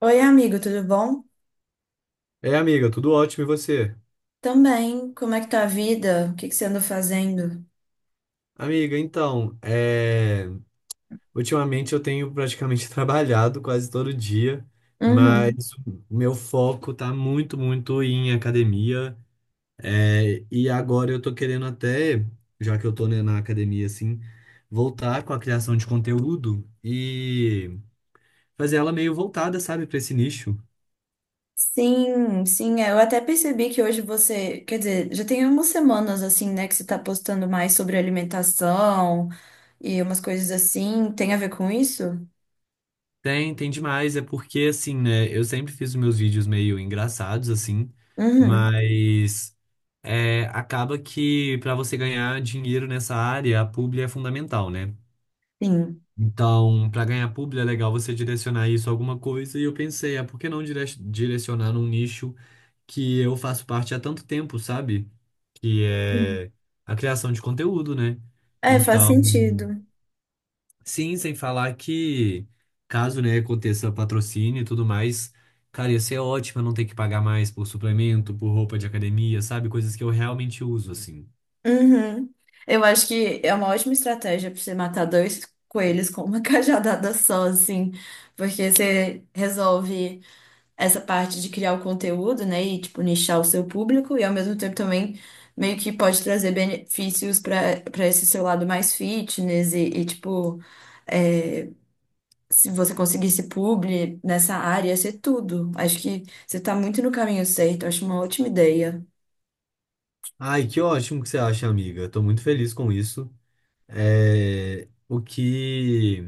Oi, amigo, tudo bom? É, amiga, tudo ótimo e você? Também, como é que tá a vida? O que que você anda fazendo? Amiga, então, ultimamente eu tenho praticamente trabalhado quase todo dia, Uhum. mas o meu foco tá muito, muito em academia. E agora eu tô querendo até, já que eu tô, né, na academia, assim, voltar com a criação de conteúdo e fazer ela meio voltada, sabe, pra esse nicho. Sim, sim, é, eu até percebi que hoje você, quer dizer, já tem umas semanas assim, né, que você tá postando mais sobre alimentação e umas coisas assim, tem a ver com isso? Tem, tem demais, é porque, assim, né, eu sempre fiz os meus vídeos meio engraçados, assim, Uhum, mas, acaba que para você ganhar dinheiro nessa área, a publi é fundamental, né? sim. Então, para ganhar publi é legal você direcionar isso a alguma coisa. E eu pensei, ah, por que não direcionar num nicho que eu faço parte há tanto tempo, sabe? Que Sim. é a criação de conteúdo, né? É, faz Então, sentido. sim, sem falar que caso, né, aconteça patrocínio e tudo mais, cara, ia ser ótimo eu não ter que pagar mais por suplemento, por roupa de academia, sabe? Coisas que eu realmente uso, assim. Uhum. Eu acho que é uma ótima estratégia para você matar dois coelhos com uma cajadada só, assim, porque você resolve essa parte de criar o conteúdo, né, e tipo nichar o seu público e ao mesmo tempo também meio que pode trazer benefícios para esse seu lado mais fitness e, tipo é, se você conseguisse publi nessa área, ia ser tudo. Acho que você tá muito no caminho certo, acho uma ótima ideia. Ai, que ótimo que você acha, amiga. Eu tô muito feliz com isso. O que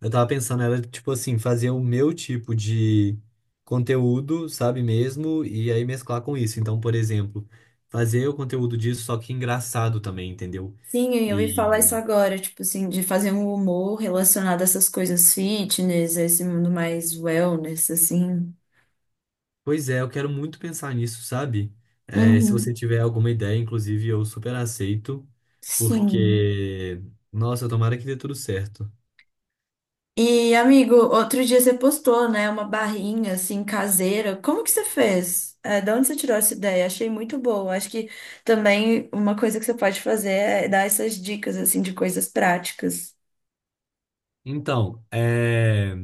eu tava pensando era, tipo assim, fazer o meu tipo de conteúdo, sabe mesmo? E aí mesclar com isso. Então, por exemplo, fazer o conteúdo disso, só que engraçado também, entendeu? Sim, eu ia falar E, isso agora, tipo assim, de fazer um humor relacionado a essas coisas fitness, a esse mundo mais wellness, assim. pois é, eu quero muito pensar nisso, sabe? Se você Uhum, tiver alguma ideia, inclusive, eu super aceito, sim. porque, nossa, tomara que dê tudo certo. E, amigo, outro dia você postou, né, uma barrinha assim caseira. Como que você fez? É, de onde você tirou essa ideia? Achei muito boa. Acho que também uma coisa que você pode fazer é dar essas dicas assim de coisas práticas. Então, é.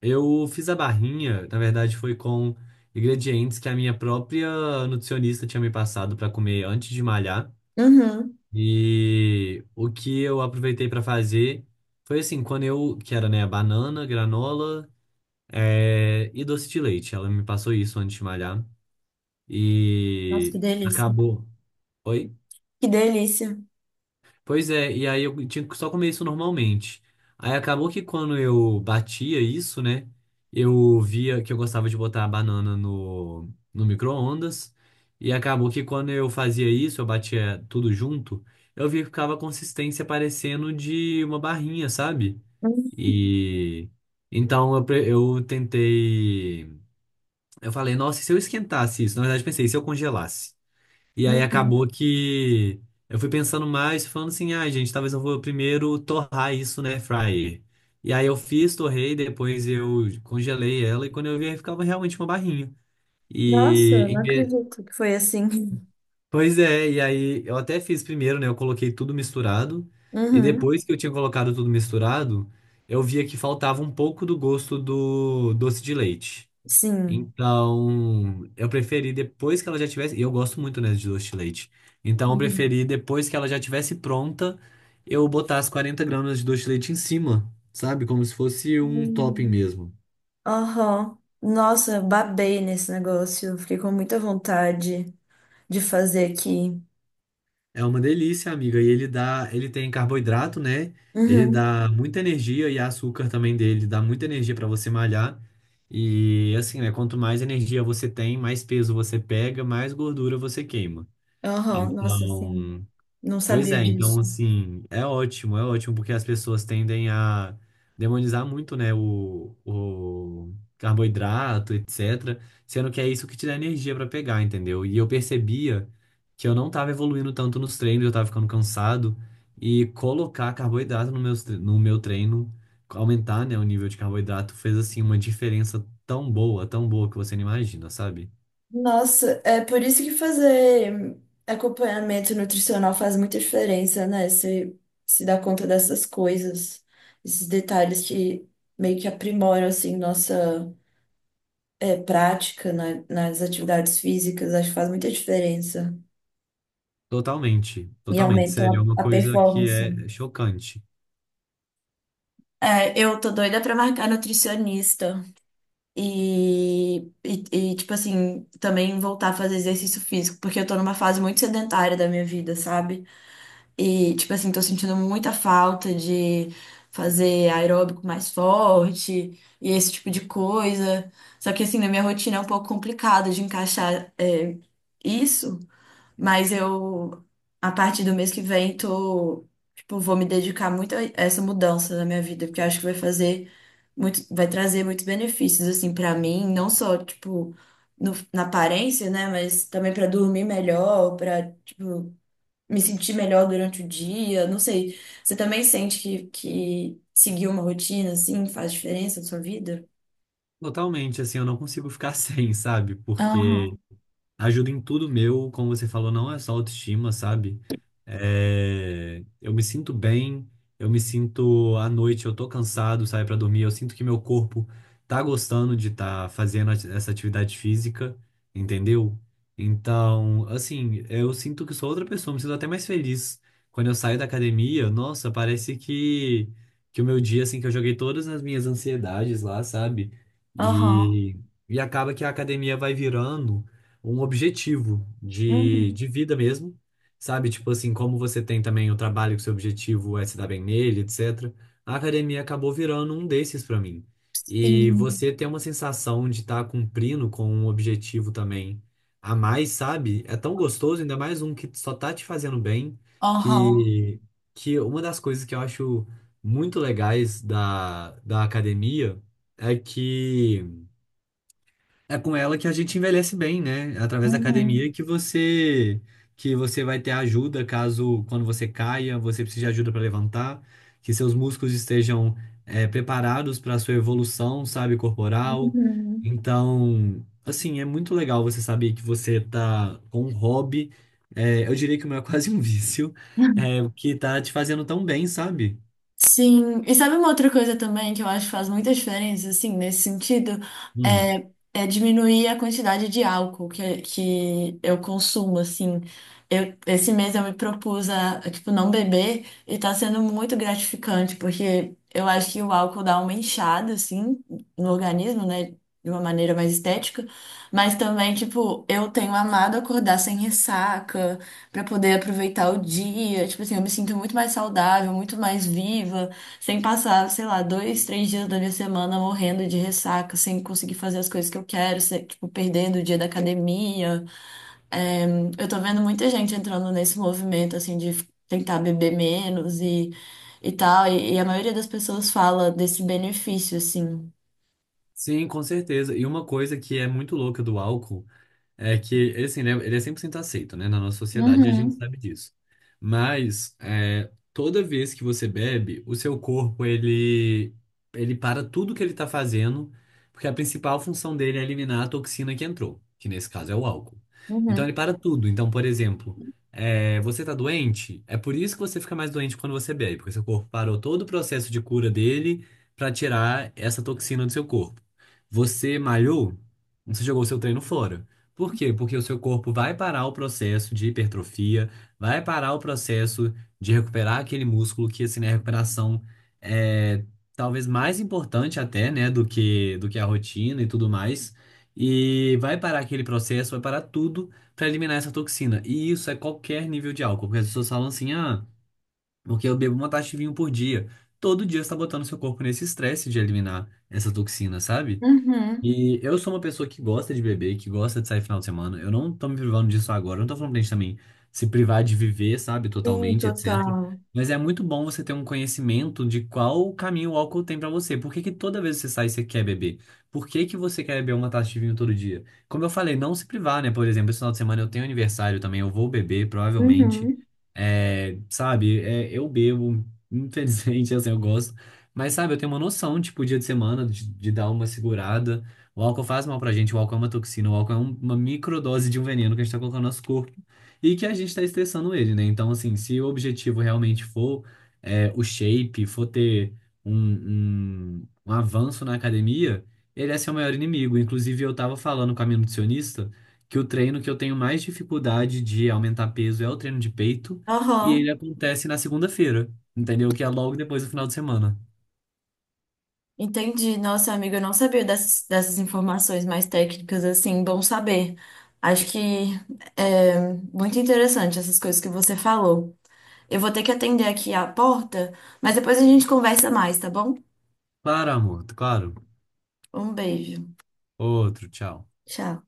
Eu fiz a barrinha, na verdade foi com ingredientes que a minha própria nutricionista tinha me passado para comer antes de malhar. Uhum. E o que eu aproveitei para fazer foi assim, quando eu, que era, né, banana, granola, e doce de leite. Ela me passou isso antes de malhar Nossa, e que delícia. acabou. Oi? Que delícia. Pois é, e aí eu tinha que só comer isso normalmente. Aí acabou que quando eu batia isso, né? Eu via que eu gostava de botar a banana no micro-ondas. E acabou que quando eu fazia isso, eu batia tudo junto, eu vi que ficava a consistência parecendo de uma barrinha, sabe? Uhum. E então eu tentei. Eu falei, nossa, e se eu esquentasse isso? Na verdade, pensei, e se eu congelasse? E aí Uhum. acabou que eu fui pensando mais, falando assim, ai, gente, talvez eu vou primeiro torrar isso, né, fryer. E aí eu fiz, torrei, depois eu congelei ela e quando eu vi, ficava realmente uma barrinha. E Nossa, em não vez- acredito. Que foi assim. pois é, e aí eu até fiz primeiro, né, eu coloquei tudo misturado e Uhum. depois que eu tinha colocado tudo misturado, eu via que faltava um pouco do gosto do doce de leite. Sim. Então, eu preferi depois que ela já tivesse. E eu gosto muito, né, de doce de leite. Então, eu Uhum. preferi depois que ela já tivesse pronta, eu botar as 40 gramas de doce de leite em cima, sabe? Como se fosse um topping Hum. mesmo. Aham. Nossa, babei nesse negócio. Fiquei com muita vontade de fazer aqui. É uma delícia, amiga. E ele dá, ele tem carboidrato, né? Ele Uhum. dá muita energia e açúcar também dele dá muita energia pra você malhar. E assim, né? Quanto mais energia você tem, mais peso você pega, mais gordura você queima. Aham, nossa, assim, Então, não pois sabia é, então disso. assim, é ótimo, porque as pessoas tendem a demonizar muito, né, o carboidrato, etc. Sendo que é isso que te dá energia pra pegar, entendeu? E eu percebia que eu não tava evoluindo tanto nos treinos, eu tava ficando cansado, e colocar carboidrato no meu treino, aumentar, né, o nível de carboidrato, fez assim uma diferença tão boa que você não imagina, sabe? Nossa, é por isso que fazer acompanhamento nutricional faz muita diferença, né? Você se dá conta dessas coisas, esses detalhes que meio que aprimoram, assim, nossa é, prática na- nas atividades físicas, acho que faz muita diferença Totalmente, e totalmente, aumentam sério, é uma a coisa que performance. é chocante. É, eu tô doida pra marcar nutricionista. E, e, e tipo assim, também voltar a fazer exercício físico, porque eu tô numa fase muito sedentária da minha vida, sabe? E, tipo assim, tô sentindo muita falta de fazer aeróbico mais forte e esse tipo de coisa. Só que, assim, na minha rotina é um pouco complicado de encaixar, é, isso. Mas eu, a partir do mês que vem, tô, tipo, vou me dedicar muito a essa mudança na minha vida, porque eu acho que vai fazer muito, vai trazer muitos benefícios, assim, pra mim, não só, tipo, no- na aparência, né, mas também pra dormir melhor, pra, tipo, me sentir melhor durante o dia, não sei. Você também sente que seguir uma rotina, assim, faz diferença na sua vida? Totalmente, assim, eu não consigo ficar sem, sabe? Porque Aham, ajuda em tudo meu, como você falou, não é só autoestima, sabe? Eu me sinto bem, eu me sinto à noite, eu tô cansado, saio pra dormir, eu sinto que meu corpo tá gostando de estar fazendo essa atividade física, entendeu? Então, assim, eu sinto que sou outra pessoa, me sinto até mais feliz. Quando eu saio da academia, nossa, parece que, o meu dia, assim, que eu joguei todas as minhas ansiedades lá, sabe? aham, E, e acaba que a academia vai virando um objetivo de, uhum, de vida mesmo, sabe? Tipo assim, como você tem também o trabalho que seu objetivo é se dar bem nele, etc. A academia acabou virando um desses pra mim. E sim, você ter uma sensação de estar cumprindo com um objetivo também a mais, sabe? É tão gostoso, ainda mais um que só tá te fazendo bem, aham, que, que uma das coisas que eu acho muito legais da academia é que é com ela que a gente envelhece bem, né? Através da uhum, academia que você vai ter ajuda caso quando você caia, você precise de ajuda para levantar, que seus músculos estejam preparados para a sua evolução, sabe, corporal. uhum. Então, assim, é muito legal você saber que você tá com um hobby, eu diria que o meu é quase um vício, que tá te fazendo tão bem, sabe? Sim, e sabe uma outra coisa também que eu acho que faz muita diferença, assim, nesse sentido, Hum. é, é diminuir a quantidade de álcool que eu consumo, assim. Eu, esse mês eu me propus a, tipo, não beber e tá sendo muito gratificante, porque eu acho que o álcool dá uma inchada, assim, no organismo, né, de uma maneira mais estética, mas também, tipo, eu tenho amado acordar sem ressaca, pra poder aproveitar o dia. Tipo assim, eu me sinto muito mais saudável, muito mais viva, sem passar, sei lá, dois, três dias da minha semana morrendo de ressaca, sem conseguir fazer as coisas que eu quero, sem- tipo, perdendo o dia da academia. É, eu tô vendo muita gente entrando nesse movimento, assim, de f- tentar beber menos e tal, e a maioria das pessoas fala desse benefício, assim. Sim, com certeza. E uma coisa que é muito louca do álcool é que, ele, assim, ele é 100% aceito, né? Na nossa sociedade, e a gente Uhum, sabe disso. Mas, toda vez que você bebe, o seu corpo, ele para tudo que ele tá fazendo, porque a principal função dele é eliminar a toxina que entrou, que nesse caso é o álcool. Então, ele uhum, para tudo. Então, por exemplo, você tá doente, é por isso que você fica mais doente quando você bebe, porque seu corpo parou todo o processo de cura dele para tirar essa toxina do seu corpo. Você malhou, você jogou seu treino fora. Por quê? Porque o seu corpo vai parar o processo de hipertrofia, vai parar o processo de recuperar aquele músculo que, assim, né, a recuperação é talvez mais importante até, né, do que a rotina e tudo mais. E vai parar aquele processo, vai parar tudo para eliminar essa toxina. E isso é qualquer nível de álcool, porque as pessoas falam assim, ah, porque eu bebo uma taça de vinho por dia. Todo dia você está botando seu corpo nesse estresse de eliminar essa toxina, sabe? uhum. E eu sou uma pessoa que gosta de beber, que gosta de sair final de semana. Eu não tô me privando disso agora. Eu não tô falando pra gente também se privar de viver, sabe, Sim, totalmente, etc. total. Mas é muito bom você ter um conhecimento de qual caminho o álcool tem pra você. Por que que toda vez que você sai, você quer beber? Por que que você quer beber uma taça de vinho todo dia? Como eu falei, não se privar, né? Por exemplo, esse final de semana eu tenho aniversário também, eu vou beber, provavelmente. Uhum. Sabe, eu bebo, infelizmente, assim, eu gosto. Mas, sabe, eu tenho uma noção, tipo, dia de semana, de dar uma segurada. O álcool faz mal pra gente, o álcool é uma toxina, o álcool é uma microdose de um veneno que a gente tá colocando no nosso corpo e que a gente tá estressando ele, né? Então, assim, se o objetivo realmente for o shape, for ter um avanço na academia, ele é seu maior inimigo. Inclusive, eu tava falando com a minha nutricionista que o treino que eu tenho mais dificuldade de aumentar peso é o treino de peito e ele Aham. acontece na segunda-feira, entendeu? Que é logo depois do final de semana. Entendi. Nossa, amiga, eu não sabia dessas informações mais técnicas, assim, bom saber. Acho que é muito interessante essas coisas que você falou. Eu vou ter que atender aqui a porta, mas depois a gente conversa mais, tá bom? Claro, amor, claro. Um beijo. Outro, tchau. Tchau.